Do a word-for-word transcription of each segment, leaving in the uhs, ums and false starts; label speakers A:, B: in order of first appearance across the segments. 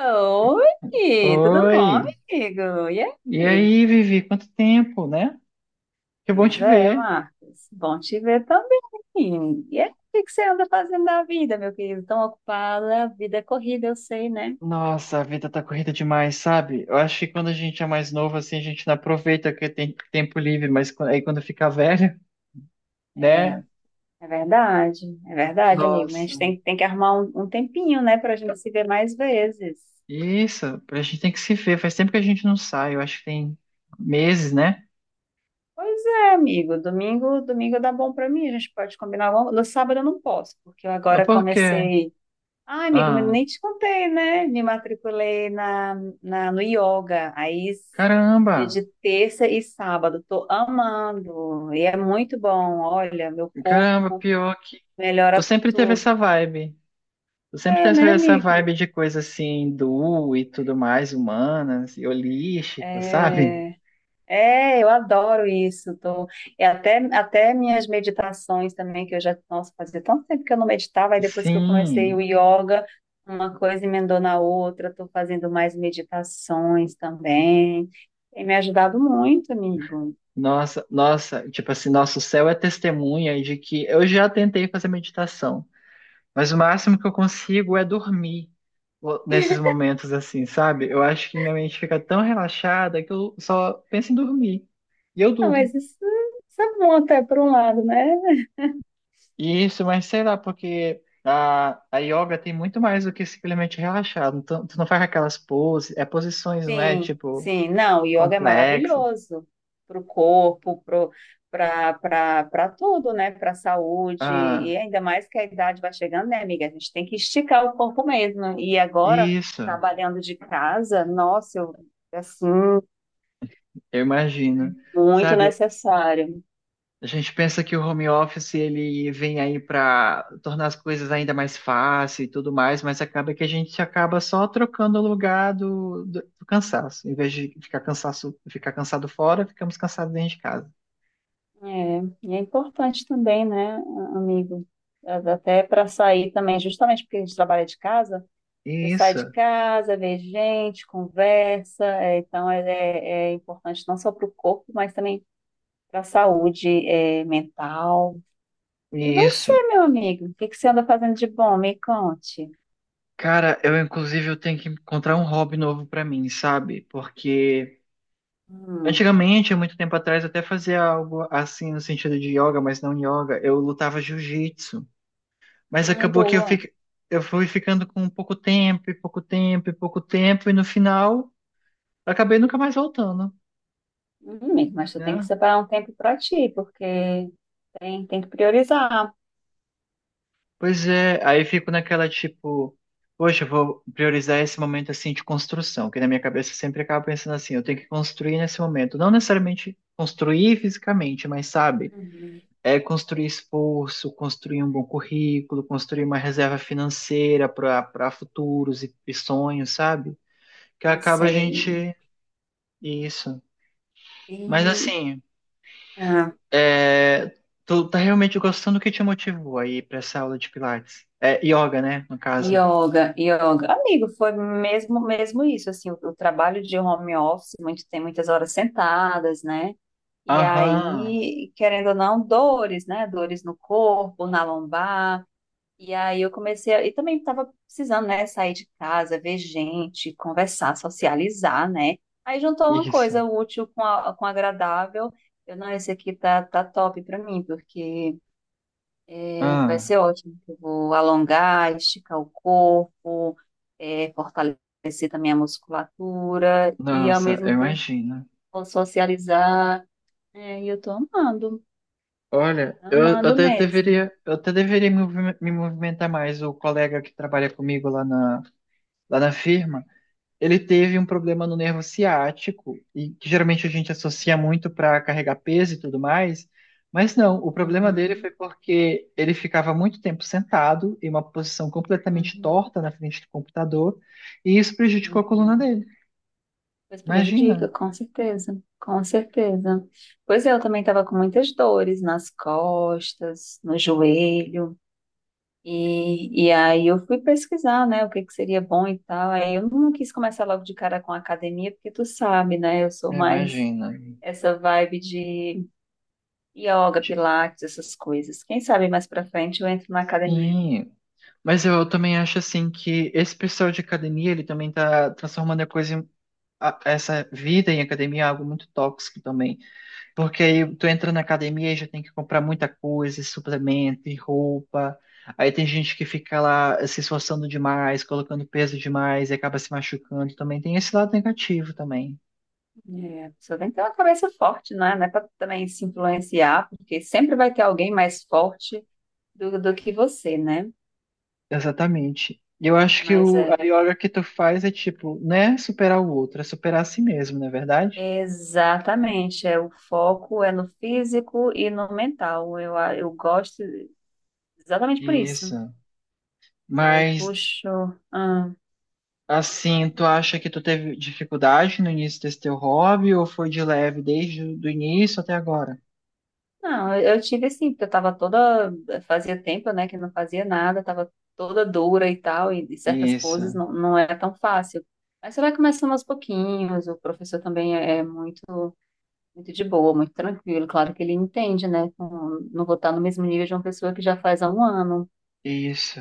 A: Oi, tudo bom,
B: Oi!
A: amigo? E
B: E
A: aí?
B: aí, Vivi? Quanto tempo, né? Que bom
A: Pois
B: te
A: é,
B: ver.
A: Marcos. Bom te ver também. E aí, o que que você anda fazendo da vida, meu querido? Tão ocupada, vida é corrida, eu sei, né?
B: Nossa, a vida tá corrida demais, sabe? Eu acho que quando a gente é mais novo, assim, a gente não aproveita que tem tempo livre, mas quan- aí quando fica velho,
A: É,
B: né?
A: é verdade, é verdade, amigo. Mas a
B: Nossa,
A: gente tem, tem que arrumar um, um tempinho, né, pra gente se ver mais vezes.
B: isso, a gente tem que se ver. Faz tempo que a gente não sai, eu acho que tem meses, né?
A: Pois é, amigo. Domingo, domingo dá bom pra mim. A gente pode combinar alguma. No sábado eu não posso, porque eu
B: Ah,
A: agora
B: por quê?
A: comecei. Ah, amigo, mas
B: Ah,
A: nem te contei, né? Me matriculei na, na, no yoga. Aí, dia
B: caramba!
A: de terça e sábado. Tô amando. E é muito bom. Olha, meu
B: Caramba,
A: corpo
B: pior que. Tu
A: melhora
B: sempre teve
A: tudo.
B: essa vibe. Eu Sempre
A: É,
B: tenho essa
A: né,
B: essa
A: amiga?
B: vibe de coisa assim, do e tudo mais, humanas e holística, sabe?
A: É. É, eu adoro isso. Tô. E até, até minhas meditações também, que eu já, nossa, fazia tanto tempo que eu não meditava, e depois que eu comecei
B: Sim,
A: o yoga, uma coisa emendou na outra, estou fazendo mais meditações também. Tem me ajudado muito, amigo.
B: nossa, nossa, tipo assim, nosso céu é testemunha de que eu já tentei fazer meditação, mas o máximo que eu consigo é dormir o- nesses momentos assim, sabe? Eu acho que minha mente fica tão relaxada que eu só penso em dormir. E eu
A: Ah,
B: durmo.
A: mas isso, isso é bom até por um lado, né?
B: Isso, mas sei lá, porque a, a yoga tem muito mais do que simplesmente relaxar. Não tu, tu não faz aquelas poses, é posições, não é?
A: Sim,
B: Tipo,
A: sim. Não, o yoga é
B: complexas.
A: maravilhoso para o corpo, para para tudo, né? Para a saúde.
B: Ah,
A: E ainda mais que a idade vai chegando, né, amiga? A gente tem que esticar o corpo mesmo. E agora,
B: isso,
A: trabalhando de casa, nossa, eu, assim,
B: eu imagino.
A: muito
B: Sabe,
A: necessário.
B: a gente pensa que o home office ele vem aí para tornar as coisas ainda mais fáceis e tudo mais, mas acaba que a gente acaba só trocando o lugar do, do, do cansaço. Em vez de ficar cansaço, ficar cansado fora, ficamos cansados dentro de casa.
A: É, e é importante também, né, amigo? Até para sair também, justamente porque a gente trabalha de casa. Você sai
B: Isso,
A: de casa, vê gente, conversa, é, então é, é- é importante não só para o corpo, mas também para a saúde, é, mental. E você,
B: isso.
A: meu amigo, o que que você anda fazendo de bom? Me conte.
B: Cara, eu inclusive eu tenho que encontrar um hobby novo pra mim, sabe? Porque
A: Hum.
B: antigamente, há muito tempo atrás, eu até fazia algo assim no sentido de yoga, mas não yoga. Eu lutava jiu-jitsu, mas
A: Ai,
B: acabou que eu
A: boa.
B: fiquei, eu fui ficando com pouco tempo, e pouco tempo, e pouco tempo, e no final acabei nunca mais voltando,
A: Hum, amigo, mas tu tem que
B: né?
A: separar um tempo para ti, porque tem, tem que priorizar.
B: Pois é, aí eu fico naquela tipo, poxa, eu vou priorizar esse momento assim de construção, que na minha cabeça eu sempre acaba pensando assim, eu tenho que construir nesse momento, não necessariamente construir fisicamente, mas sabe,
A: Uhum.
B: é construir esforço, construir um bom currículo, construir uma reserva financeira para para futuros e, e sonhos, sabe? Que
A: Eu
B: acaba a
A: sei.
B: gente isso. Mas
A: E,
B: assim,
A: ah,
B: é, tu tá realmente gostando do que te motivou aí para essa aula de Pilates? É yoga, né, no caso.
A: Yoga, yoga. Amigo, foi mesmo mesmo isso, assim, o, o trabalho de home office, muito, tem muitas horas sentadas, né? E
B: Aham.
A: aí, querendo ou não, dores, né? Dores no corpo, na lombar. E aí eu comecei, a, e também estava precisando, né, sair de casa, ver gente, conversar, socializar, né? Aí juntou uma
B: Isso.
A: coisa útil com a, com agradável. Eu, não, Esse aqui tá, tá top pra mim, porque é, vai
B: Ah,
A: ser ótimo. Que Eu vou alongar, esticar o corpo, é, fortalecer também a musculatura e ao
B: nossa,
A: mesmo
B: eu
A: tempo
B: imagino.
A: vou socializar. É, e eu tô amando,
B: Olha, eu, eu
A: amando
B: até
A: mesmo.
B: deveria, eu até deveria me movi- me movimentar mais. O colega que trabalha comigo lá na, lá na firma, ele teve um problema no nervo ciático, e que geralmente a gente associa muito para carregar peso e tudo mais. Mas não, o problema dele
A: Uhum,
B: foi porque ele ficava muito tempo sentado em uma posição completamente
A: uhum,
B: torta na frente do computador, e isso prejudicou a coluna
A: uhum.
B: dele.
A: Mas prejudica,
B: Imagina,
A: com certeza, com certeza. Pois é, eu também estava com muitas dores nas costas, no joelho. E, e aí eu fui pesquisar, né, o que que seria bom e tal. Aí eu não quis começar logo de cara com academia, porque tu sabe, né, eu sou mais
B: imagina.
A: essa vibe de yoga, pilates, essas coisas. Quem sabe mais pra frente eu entro na academia.
B: Sim. Mas eu também acho assim que esse pessoal de academia, ele também tá transformando a coisa em, a- essa vida em academia em algo muito tóxico também. Porque aí tu entra na academia e já tem que comprar muita coisa, suplemento, e roupa. Aí tem gente que fica lá se esforçando demais, colocando peso demais e acaba se machucando também. Tem esse lado negativo também.
A: É, a pessoa tem que ter uma cabeça forte, né, não é pra também se influenciar, porque sempre vai ter alguém mais forte do, do que você, né?
B: Exatamente. E Eu acho que
A: Mas
B: o,
A: é
B: a yoga que tu faz é tipo, não é superar o outro, é superar a si mesmo, não é verdade?
A: exatamente, é o foco é no físico e no mental. Eu, a- eu gosto exatamente por isso.
B: Isso.
A: E aí
B: Mas
A: puxou. Ah,
B: assim, tu acha que tu teve dificuldade no início desse teu hobby ou foi de leve desde o início até agora?
A: não, eu eu tive assim, porque eu tava toda. Fazia tempo, né, que não fazia nada, tava toda dura e tal, e, e certas
B: Isso,
A: poses não, não é tão fácil. Mas você vai começando aos pouquinhos, o professor também é, é muito, muito de boa, muito tranquilo. Claro que ele entende, né? com- Não vou estar no mesmo nível de uma pessoa que já faz há um ano,
B: isso.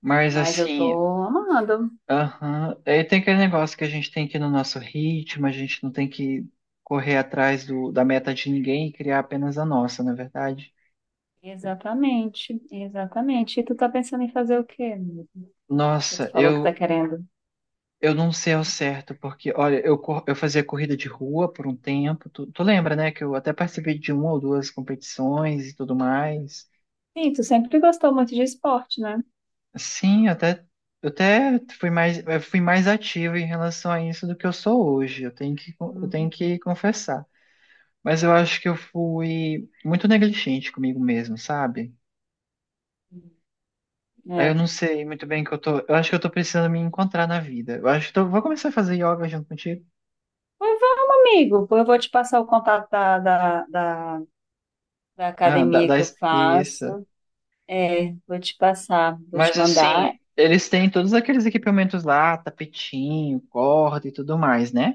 B: Mas
A: mas eu tô
B: assim,
A: amando.
B: aham, aí tem aquele negócio que a gente tem que ir no nosso ritmo, a gente não tem que correr atrás do, da meta de ninguém e criar apenas a nossa, não é verdade?
A: Exatamente, exatamente. E tu tá pensando em fazer o quê? Tu
B: Nossa,
A: falou que tá
B: eu,
A: querendo.
B: eu não sei ao certo, porque, olha, eu, cor- eu fazia corrida de rua por um tempo, tu, tu lembra, né, que eu até participei de uma ou duas competições e tudo mais.
A: Sim, tu sempre gostou muito de esporte, né?
B: Sim, eu até, eu até fui mais, eu fui mais ativo em relação a isso do que eu sou hoje, eu tenho que, eu tenho
A: Uhum.
B: que confessar. Mas eu acho que eu fui muito negligente comigo mesmo, sabe? Eu
A: É.
B: não sei muito bem o que eu tô. Eu acho que eu tô precisando me encontrar na vida. Eu acho que eu vou começar a fazer yoga junto contigo.
A: Mas vamos, amigo. Eu vou te passar o contato da, da, da, da
B: Ah, dá,
A: academia
B: dá
A: que eu
B: es-
A: faço.
B: isso.
A: É, vou te passar, vou te
B: Mas assim,
A: mandar.
B: eles têm todos aqueles equipamentos lá, tapetinho, corda e tudo mais, né?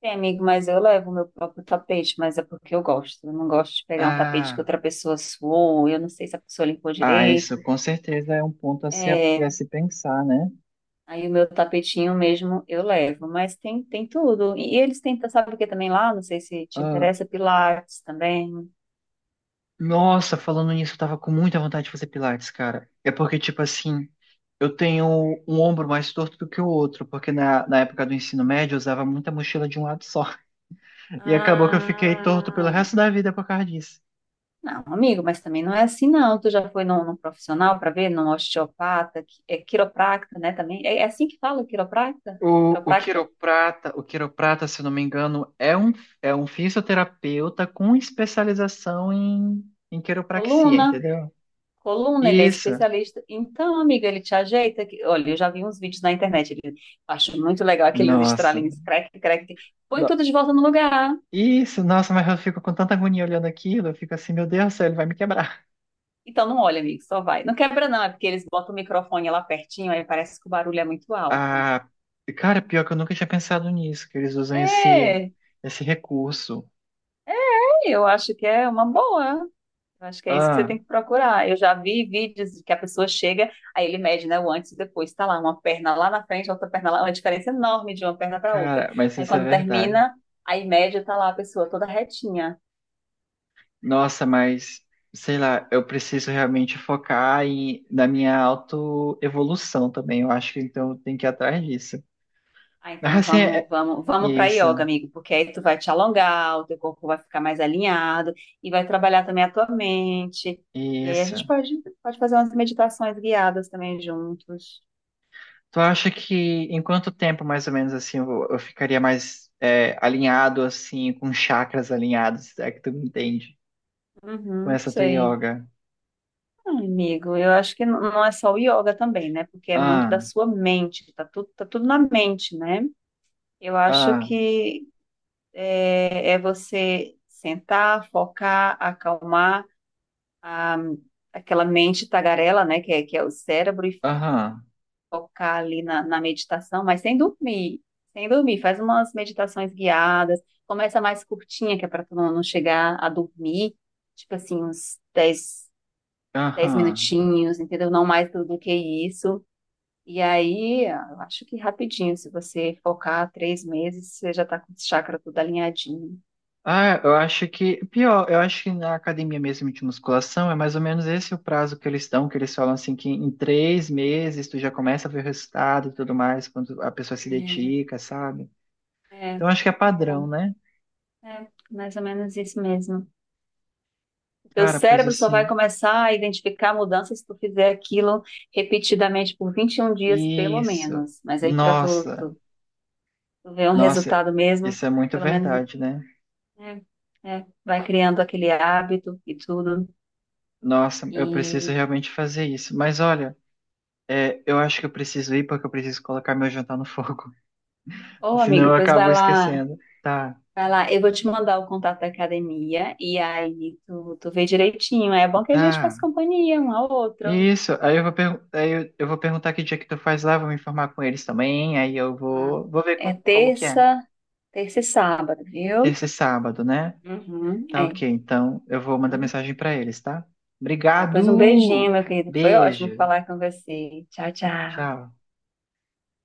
A: Tem, amigo, mas eu levo o meu próprio tapete, mas é porque eu gosto. Eu não gosto de pegar um tapete que
B: Ah,
A: outra pessoa suou, eu não sei se a pessoa limpou
B: ah, isso
A: direito.
B: com certeza é um ponto a se,
A: É,
B: a se pensar, né?
A: aí o meu tapetinho mesmo eu levo, mas tem, tem tudo. E eles têm, sabe o que também lá? Não sei se te
B: Ah,
A: interessa, Pilates também.
B: nossa, falando nisso, eu tava com muita vontade de fazer pilates, cara. É porque, tipo assim, eu tenho um ombro mais torto do que o outro, porque na, na época do ensino médio eu usava muita mochila de um lado só. E acabou que eu fiquei torto pelo
A: Ah.
B: resto da vida por causa disso.
A: Não, amigo, mas também não é assim, não. Tu já foi num, num profissional para ver, num osteopata, qui- é quiropracta, né? Também é, é assim que fala, quiropracta?
B: O, o
A: Quiropracta,
B: quiroprata, o quiroprata, se eu não me engano, é um, é um fisioterapeuta com especialização em, em quiropraxia,
A: coluna,
B: entendeu?
A: coluna, ele é
B: Isso.
A: especialista. Então, amiga, ele te ajeita. que- Olha, eu já vi uns vídeos na internet. Ele, eu acho muito legal aqueles
B: Nossa.
A: estralinhos, crack, crack. Põe tudo de volta no lugar.
B: Isso, nossa, mas eu fico com tanta agonia olhando aquilo, eu fico assim, meu Deus do céu, ele vai me quebrar.
A: Então, não, olha, amigo, só vai. Não quebra, não, é porque eles botam o microfone lá pertinho, aí parece que o barulho é muito alto.
B: Ah, cara, pior que eu nunca tinha pensado nisso, que eles usam esse,
A: É,
B: esse recurso.
A: eu acho que é uma boa. Eu Acho que é isso que você
B: Ah,
A: tem que procurar. Eu já vi vídeos que a pessoa chega, aí ele mede, né, o antes e depois. Tá lá, uma perna lá na frente, outra perna lá, uma diferença enorme de uma perna para outra.
B: cara, mas
A: Aí
B: isso é
A: quando
B: verdade.
A: termina, aí média tá lá a pessoa toda retinha.
B: Nossa, mas sei lá, eu preciso realmente focar em, na minha autoevolução também, eu acho que então eu tenho que ir atrás disso.
A: Ah, então
B: Ah, sim, é,
A: vamos,
B: é-
A: vamos, vamos para yoga,
B: isso,
A: amigo, porque aí tu vai te alongar, o teu corpo vai ficar mais alinhado e vai trabalhar também a tua mente. E aí a
B: isso.
A: gente pode, pode fazer umas meditações guiadas também juntos.
B: Tu acha que em quanto tempo, mais ou menos, assim, eu, eu ficaria mais é, alinhado, assim, com chakras alinhados, se é que tu me entende, com
A: Uhum,
B: essa tua
A: sei.
B: yoga?
A: Não, Amigo, eu acho que não não é só o yoga também, né? Porque é muito da
B: Ah,
A: sua mente, tá tudo, tá tudo na mente, né? Eu acho
B: ah,
A: que é, é você sentar, focar, acalmar a, aquela mente tagarela, né? Que é, que é o cérebro, e
B: aham,
A: focar ali na, na meditação, mas sem dormir, sem dormir. Faz umas meditações guiadas, começa mais curtinha, que é para tu não, não chegar a dormir, tipo assim, uns dez dez
B: aham.
A: minutinhos, entendeu? Não mais do do que isso. E aí, eu acho que rapidinho, se você focar três meses, você já tá com o chakra tudo alinhadinho.
B: Ah, eu acho que, pior, eu acho que na academia mesmo de musculação é mais ou menos esse o prazo que eles dão, que eles falam assim que em três meses tu já começa a ver o resultado e tudo mais, quando a pessoa se
A: É,
B: dedica, sabe?
A: é, é,
B: Então acho que é padrão, né?
A: é, mais ou menos isso mesmo. O teu
B: Cara, pois
A: cérebro só vai
B: assim,
A: começar a identificar mudanças se tu fizer aquilo repetidamente por vinte e um dias, pelo
B: isso.
A: menos. Mas aí, para tu,
B: Nossa,
A: tu, tu ver um
B: nossa,
A: resultado mesmo,
B: isso é muito
A: pelo menos,
B: verdade, né?
A: é, é, vai criando aquele hábito e tudo.
B: Nossa, eu preciso
A: E,
B: realmente fazer isso. Mas olha, é, eu acho que eu preciso ir porque eu preciso colocar meu jantar no fogo.
A: ô
B: Senão
A: amigo,
B: eu
A: pois
B: acabo
A: vai lá.
B: esquecendo. Tá,
A: Vai lá, eu vou te mandar o contato da academia e aí tu, tu vê direitinho. É bom que a gente
B: tá.
A: faz companhia um ao outro.
B: Isso. Aí eu vou, pergu- aí eu, eu vou perguntar que dia que tu faz lá, vou me informar com eles também. Aí eu
A: tá?
B: vou, vou ver
A: É
B: como, como que é.
A: terça, terça e sábado, viu?
B: Terça e sábado, né?
A: Uhum,
B: Tá
A: é.
B: ok. Então eu vou mandar mensagem pra eles, tá?
A: Tá, pois um beijinho,
B: Obrigado!
A: meu querido. Foi ótimo
B: Beijo.
A: falar com você. Tchau, tchau.
B: Tchau.